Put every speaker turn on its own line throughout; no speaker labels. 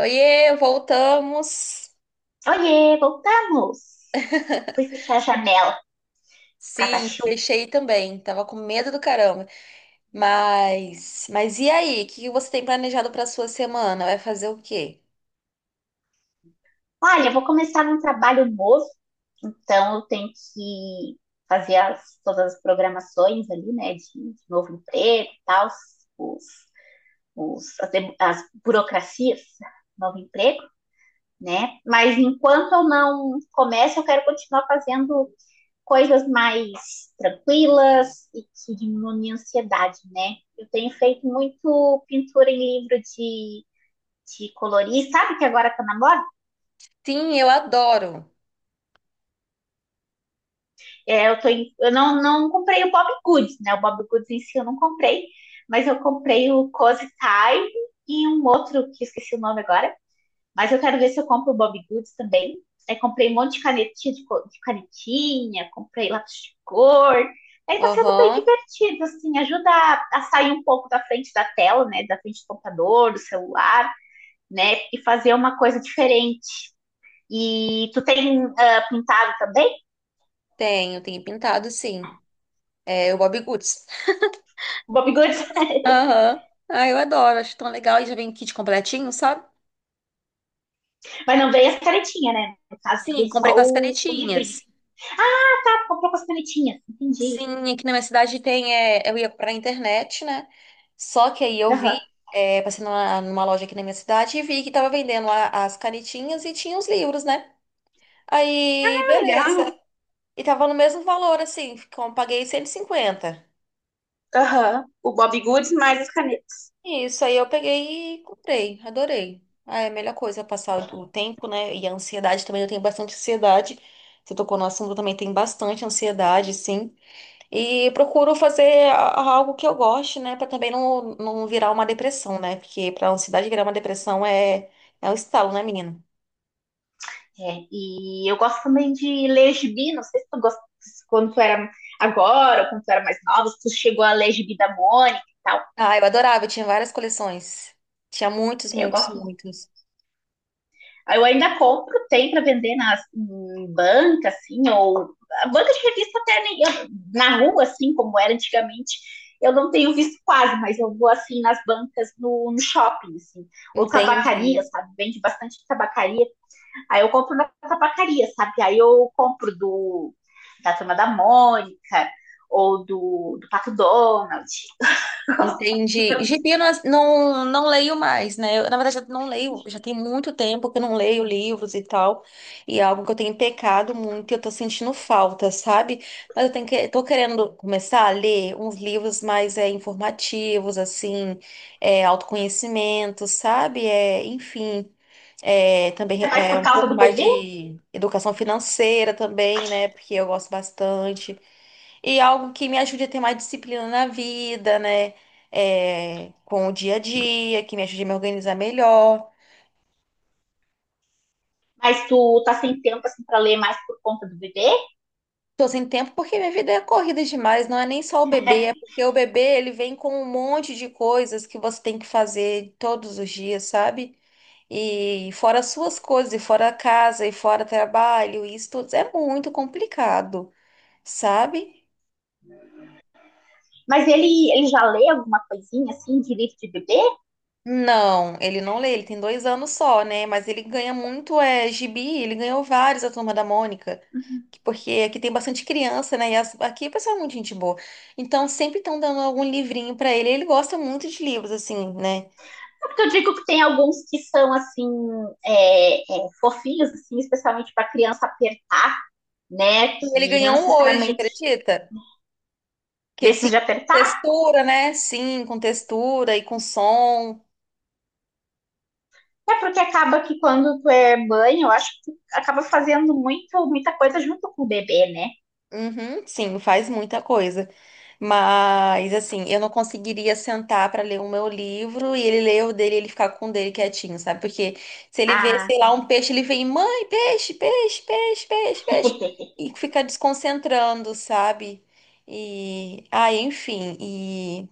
Oiê, voltamos!
Oiê, voltamos! Fui fechar a janela por causa da
Sim,
chuva.
fechei também. Tava com medo do caramba. Mas e aí? O que que você tem planejado para sua semana? Vai fazer o quê?
Olha, eu vou começar um trabalho novo, então eu tenho que todas as programações ali, né, de novo emprego e tal, os, as burocracias, novo emprego, né? Mas enquanto eu não começo, eu quero continuar fazendo coisas mais tranquilas e que diminuem a ansiedade, né? Eu tenho feito muito pintura em livro de colorir, sabe que agora tá na moda?
Sim, eu adoro.
Eu não comprei o Bob Goods, né? O Bob Goods em si eu não comprei, mas eu comprei o Cozy Time e um outro que eu esqueci o nome agora. Mas eu quero ver se eu compro o Bob Goods também. Aí comprei um monte de canetinha, de canetinha, comprei lápis de cor. Aí tá sendo bem
Aham,
divertido, assim, ajuda a sair um pouco da frente da tela, né? Da frente do computador, do celular, né? E fazer uma coisa diferente. E tu tem pintado também?
tenho pintado sim. É o Bob Goods.
O Bob Goods,
Aham. Ah, eu adoro, acho tão legal. E já vem kit completinho, sabe?
mas não veio as canetinhas, né? No caso,
Sim,
veio só
comprei com as
o livrinho.
canetinhas.
Ah, tá, tu comprou com as canetinhas. Entendi.
Sim, aqui na minha cidade tem. Eu ia comprar na internet, né? Só que aí eu vi,
Aham.
passei numa loja aqui na minha cidade e vi que tava vendendo as canetinhas e tinha os livros, né? Aí,
Ah,
beleza.
legal.
E tava no mesmo valor, assim, paguei 150.
Aham. O Bob Goods mais as canetas.
Isso, aí eu peguei e comprei, adorei. Ah, é a melhor coisa, passar o tempo, né? E a ansiedade também, eu tenho bastante ansiedade. Você tocou no assunto, eu também tenho bastante ansiedade, sim. E procuro fazer algo que eu goste, né? Pra também não virar uma depressão, né? Porque pra ansiedade virar uma depressão é um estalo, né, menina?
É, e eu gosto também de ler gibi, não sei se tu gosta, se quando tu era agora, ou quando tu era mais nova, se tu chegou a ler gibi da Mônica e tal.
Ah, eu adorava, eu tinha várias coleções. Tinha muitos,
É, eu
muitos,
gosto.
muitos.
Eu ainda compro, tem para vender nas, em banca, assim, ou a banca de revista até nem, na rua, assim, como era antigamente, eu não tenho visto quase, mas eu vou assim nas bancas no shopping, assim, ou tabacaria,
Entendi.
sabe? Vende bastante tabacaria. Aí eu compro na tabacaria, sabe? Aí eu compro do da turma da Mônica ou do Pato Donald.
Entendi. Gibi eu não leio mais, né? Eu, na verdade, eu não leio, já tem muito tempo que eu não leio livros e tal. E é algo que eu tenho pecado muito e eu tô sentindo falta, sabe? Mas eu tenho que, tô querendo começar a ler uns livros mais informativos, assim, autoconhecimento, sabe? É, enfim, também
É mais
é
por
um
causa
pouco
do
mais
bebê,
de educação financeira também, né? Porque eu gosto bastante. E algo que me ajude a ter mais disciplina na vida, né? É, com o dia a dia, que me ajude a me organizar melhor.
mas tu tá sem tempo assim para ler mais por conta do bebê?
Tô sem tempo porque minha vida é corrida demais, não é nem só o bebê, é porque o bebê ele vem com um monte de coisas que você tem que fazer todos os dias, sabe? E fora as suas coisas, e fora a casa, e fora trabalho, isso tudo é muito complicado, sabe?
Mas ele já lê alguma coisinha, assim, de livro de bebê? É
Não, ele não lê, ele tem 2 anos só, né? Mas ele ganha muito gibi, ele ganhou vários a Turma da Mônica, porque aqui tem bastante criança, né? E aqui o pessoal é muito gente boa. Então sempre estão dando algum livrinho pra ele, ele gosta muito de livros, assim, né?
porque eu digo que tem alguns que são, assim, fofinhos, assim, especialmente para criança apertar, né?
E ele
Que não
ganhou um hoje,
necessariamente
acredita? Que assim,
desses de apertar.
textura, né? Sim, com textura e com som.
É porque acaba que quando tu é mãe, eu acho que tu acaba fazendo muito, muita coisa junto com o bebê, né?
Uhum, sim, faz muita coisa. Mas, assim, eu não conseguiria sentar para ler o meu livro e ele ler o dele e ele ficar com o dele quietinho, sabe? Porque se ele vê,
Ah,
sei lá, um peixe, ele vem, mãe, peixe, peixe, peixe, peixe, peixe, e fica desconcentrando, sabe? E, ah, enfim, e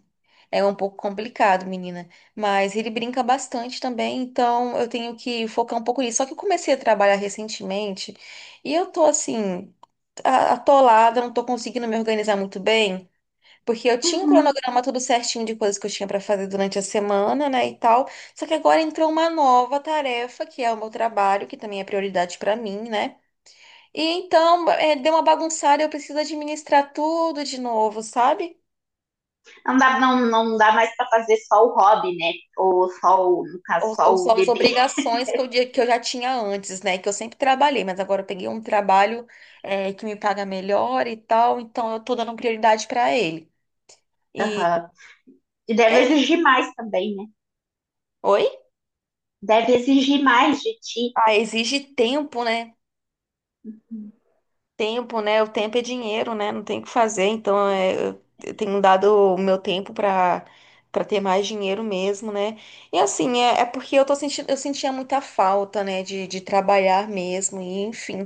é um pouco complicado, menina. Mas ele brinca bastante também, então eu tenho que focar um pouco nisso. Só que eu comecei a trabalhar recentemente e eu tô assim atolada, não tô conseguindo me organizar muito bem, porque eu tinha um
uhum.
cronograma tudo certinho de coisas que eu tinha pra fazer durante a semana, né, e tal. Só que agora entrou uma nova tarefa, que é o meu trabalho, que também é prioridade pra mim, né? E então, é, deu uma bagunçada, eu preciso administrar tudo de novo, sabe?
Não, dá, não dá mais para fazer só o hobby, né? Ou só, o, no caso,
Ou
só o
são as
bebê.
obrigações que que eu já tinha antes, né? Que eu sempre trabalhei, mas agora eu peguei um trabalho, é, que me paga melhor e tal, então eu tô dando prioridade pra ele. E.
Uhum. E deve
é
exigir mais também, né?
Oi?
Deve exigir mais de ti.
Ah, exige tempo, né? Tempo, né? O tempo é dinheiro, né? Não tem o que fazer. Então, é, eu tenho dado o meu tempo para ter mais dinheiro mesmo, né? E assim, é, é porque eu tô sentindo, eu sentia muita falta, né? De trabalhar mesmo, e enfim.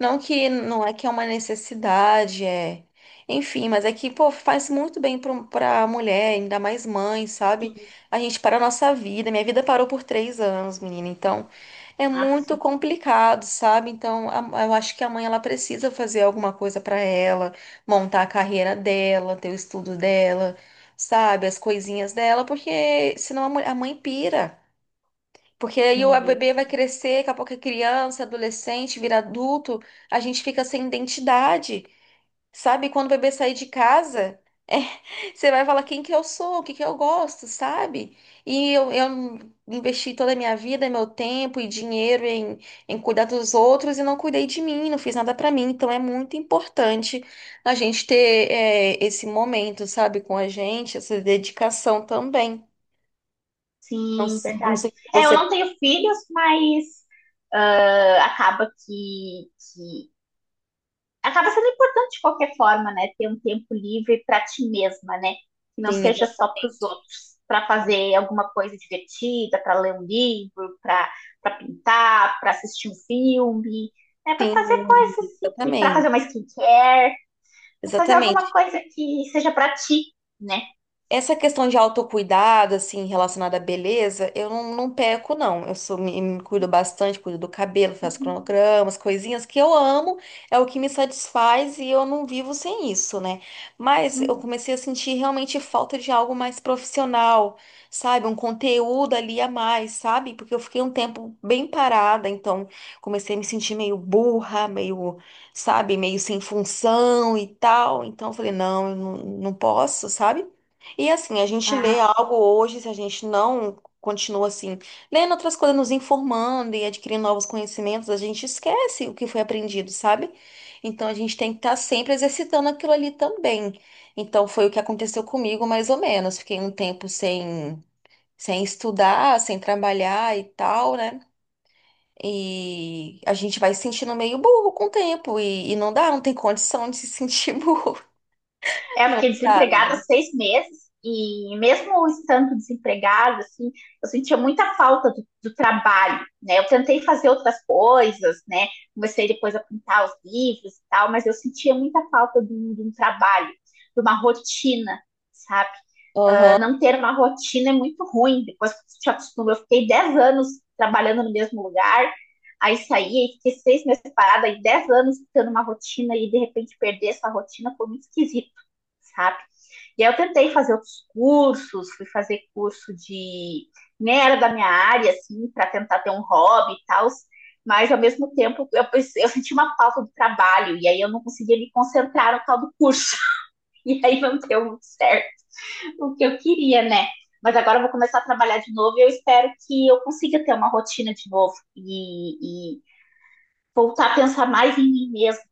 Não que não é que é uma necessidade, é. Enfim, mas é que, pô, faz muito bem para pra mulher, ainda mais mãe, sabe? A gente para a nossa vida. Minha vida parou por 3 anos, menina. Então. É
Ah,
muito
sim,
complicado, sabe? Então, eu acho que a mãe ela precisa fazer alguma coisa para ela, montar a carreira dela, ter o estudo dela, sabe? As coisinhas dela, porque senão a mãe pira. Porque aí o
sim,
bebê vai crescer, daqui a pouco é criança, adolescente, vira adulto, a gente fica sem identidade, sabe? Quando o bebê sair de casa. Você vai falar quem que eu sou, o que que eu gosto, sabe? E eu investi toda a minha vida, meu tempo e dinheiro em cuidar dos outros e não cuidei de mim, não fiz nada pra mim. Então é muito importante a gente ter esse momento, sabe, com a gente, essa dedicação também. Não,
sim,
não
verdade.
sei se
É, eu
você
não tenho filhos, mas ah, acaba sendo importante de qualquer forma, né? Ter um tempo livre para ti mesma, né? Que não
sim,
seja só para os outros, para fazer alguma coisa divertida, para ler um livro, para pintar, para assistir um filme, né? Para fazer
sim,
coisas assim, que para
exatamente.
fazer uma skincare, para fazer alguma
Exatamente.
coisa que seja para ti, né?
Essa questão de autocuidado, assim, relacionada à beleza, eu não peco, não. Eu sou, me cuido bastante, cuido do cabelo, faço
Uhum.
cronogramas, coisinhas que eu amo, é o que me satisfaz e eu não vivo sem isso, né? Mas eu
Uhum.
comecei a sentir realmente falta de algo mais profissional, sabe? Um conteúdo ali a mais, sabe? Porque eu fiquei um tempo bem parada, então comecei a me sentir meio burra, meio sabe, meio sem função e tal. Então eu falei, não, eu não, não posso, sabe? E assim, a gente lê
Ah,
algo hoje, se a gente não continua assim, lendo outras coisas, nos informando e adquirindo novos conhecimentos, a gente esquece o que foi aprendido, sabe? Então a gente tem que estar sempre exercitando aquilo ali também. Então foi o que aconteceu comigo, mais ou menos. Fiquei um tempo sem estudar, sem trabalhar e tal, né? E a gente vai se sentindo meio burro com o tempo. E não dá, não tem condição de se sentir burro.
é, eu
Não
fiquei
dá,
desempregada
menina.
6 meses e mesmo estando desempregada, assim, eu sentia muita falta do trabalho, né? Eu tentei fazer outras coisas, né? Comecei depois a pintar os livros e tal, mas eu sentia muita falta de um trabalho, de uma rotina, sabe? Ah,
Aham.
não ter uma rotina é muito ruim, depois que você se acostuma. Eu fiquei 10 anos trabalhando no mesmo lugar, aí saí, aí fiquei 6 meses parada, aí 10 anos tendo uma rotina e de repente perder essa rotina foi muito esquisito, sabe? E aí eu tentei fazer outros cursos, fui fazer curso de. Nem era da minha área, assim, para tentar ter um hobby e tal, mas ao mesmo tempo eu senti uma falta do trabalho, e aí eu não conseguia me concentrar no tal do curso. E aí não deu muito certo o que eu queria, né? Mas agora eu vou começar a trabalhar de novo e eu espero que eu consiga ter uma rotina de novo e voltar a pensar mais em mim mesmo.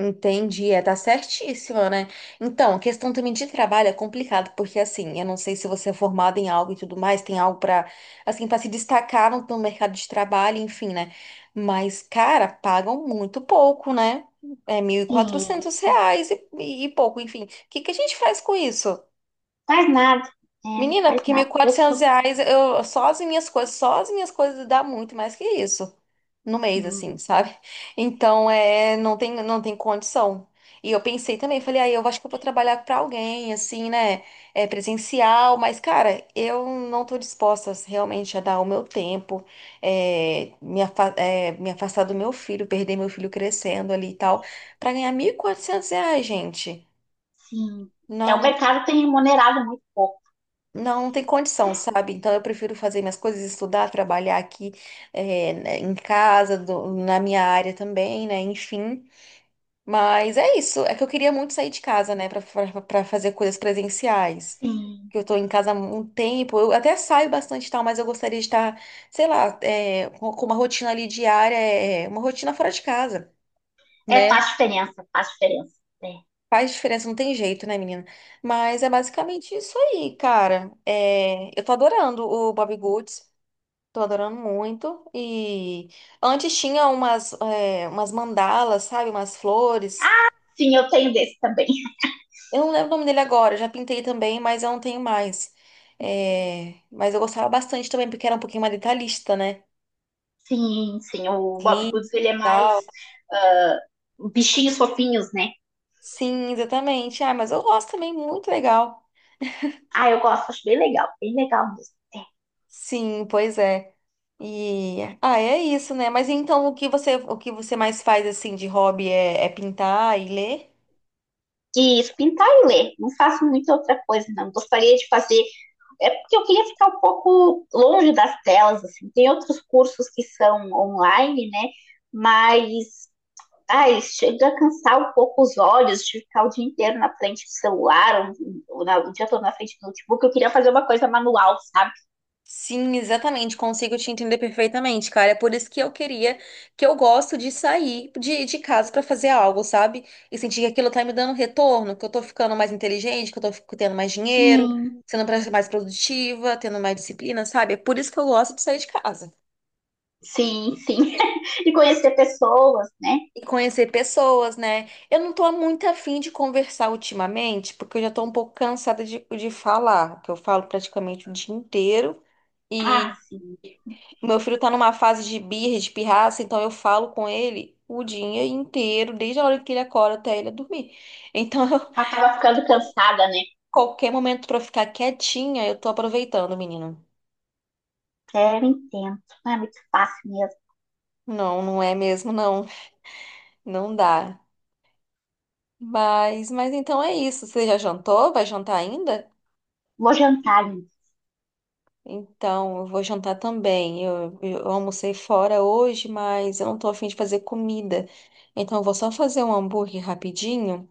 Entendi, é, tá certíssima, né? Então, a questão também de trabalho é complicado, porque assim, eu não sei se você é formado em algo e tudo mais, tem algo pra assim, para se destacar no mercado de trabalho, enfim, né? Mas, cara, pagam muito pouco, né? É mil e
Sim,
quatrocentos
sim.
reais e pouco, enfim. O que que a gente faz com isso?
Faz nada, né?
Menina,
Faz
porque mil e
nada. Eu
quatrocentos
sou
reais, eu, só as minhas coisas, só as minhas coisas dá muito mais que isso no mês, assim,
sim.
sabe? Então, é, não tem condição. E eu pensei também, falei, aí eu acho que eu vou trabalhar pra alguém, assim, né? É presencial, mas, cara, eu não tô disposta realmente a dar o meu tempo, me afastar do meu filho, perder meu filho crescendo ali e tal, pra ganhar R$ 1.400, gente.
Sim. É, o
Não,
mercado tem remunerado muito pouco.
não, não tem condição, sabe? Então eu prefiro fazer minhas coisas, estudar, trabalhar aqui né, em casa, na minha área também, né? Enfim. Mas é isso. É que eu queria muito sair de casa, né? Pra fazer coisas presenciais.
Sim.
Que eu tô em casa há um tempo. Eu até saio bastante e tal, mas eu gostaria de estar, sei lá, com uma rotina ali diária, uma rotina fora de casa,
É,
né?
faz diferença, faz diferença. É.
Faz diferença, não tem jeito, né, menina? Mas é basicamente isso aí, cara. É, eu tô adorando o Bob Goods. Tô adorando muito. E antes tinha umas mandalas, sabe? Umas flores.
Sim, eu tenho desse também.
Eu não lembro o nome dele agora, eu já pintei também, mas eu não tenho mais. É, mas eu gostava bastante também, porque era um pouquinho mais detalhista, né?
Sim, sim. O Bob
Clean
Goods, ele
e
é mais
tal.
ah, bichinhos fofinhos, né?
Sim, exatamente. Ah, mas eu gosto também, muito legal.
Ah, eu gosto, acho bem legal mesmo. É.
Sim, pois é. E ah, é isso, né? Mas então o que você mais faz assim de hobby é, é pintar e ler?
E isso, pintar e ler. Não faço muita outra coisa, não. Gostaria de fazer. É porque eu queria ficar um pouco longe das telas, assim. Tem outros cursos que são online, né? Mas ai, chega a cansar um pouco os olhos de ficar o dia inteiro na frente do celular, o dia todo na frente do notebook. Eu queria fazer uma coisa manual, sabe?
Sim, exatamente, consigo te entender perfeitamente, cara. É por isso que eu queria, que eu gosto de sair de casa pra fazer algo, sabe? E sentir que aquilo tá me dando retorno, que eu tô ficando mais inteligente, que eu tô tendo mais dinheiro,
Sim,
sendo mais produtiva, tendo mais disciplina, sabe? É por isso que eu gosto de sair de casa.
sim, sim. E conhecer pessoas, né?
E conhecer pessoas, né? Eu não tô muito afim de conversar ultimamente, porque eu já tô um pouco cansada de falar, que eu falo praticamente o dia inteiro.
Ah, sim.
Meu filho tá numa fase de birra, de pirraça, então eu falo com ele o dia inteiro, desde a hora que ele acorda até ele dormir. Então,
Eu tava ficando cansada, né?
qualquer momento pra eu ficar quietinha, eu tô aproveitando, menino.
É, eu entendo. Não é muito fácil mesmo.
Não, não é mesmo, não. Não dá. Mas então é isso. Você já jantou? Vai jantar ainda?
Vou jantar, gente.
Então, eu vou jantar também. Eu almocei fora hoje, mas eu não tô afim de fazer comida. Então, eu vou só fazer um hambúrguer rapidinho.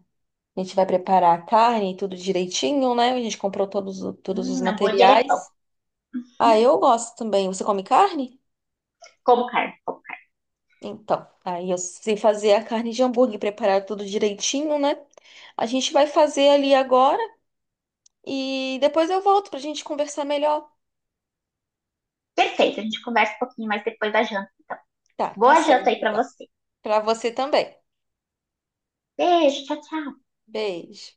A gente vai preparar a carne, tudo direitinho, né? A gente comprou todos, todos os
Hambúrguer é pão.
materiais.
Hum,
Ah, eu gosto também. Você come carne?
Como carne, como carne.
Então, aí eu sei fazer a carne de hambúrguer, preparar tudo direitinho, né? A gente vai fazer ali agora e depois eu volto pra gente conversar melhor.
Perfeito, a gente conversa um pouquinho mais depois da janta, então.
Tá, tá
Boa janta
certo,
aí pra
então.
você.
Pra você também.
Beijo, tchau, tchau.
Beijo.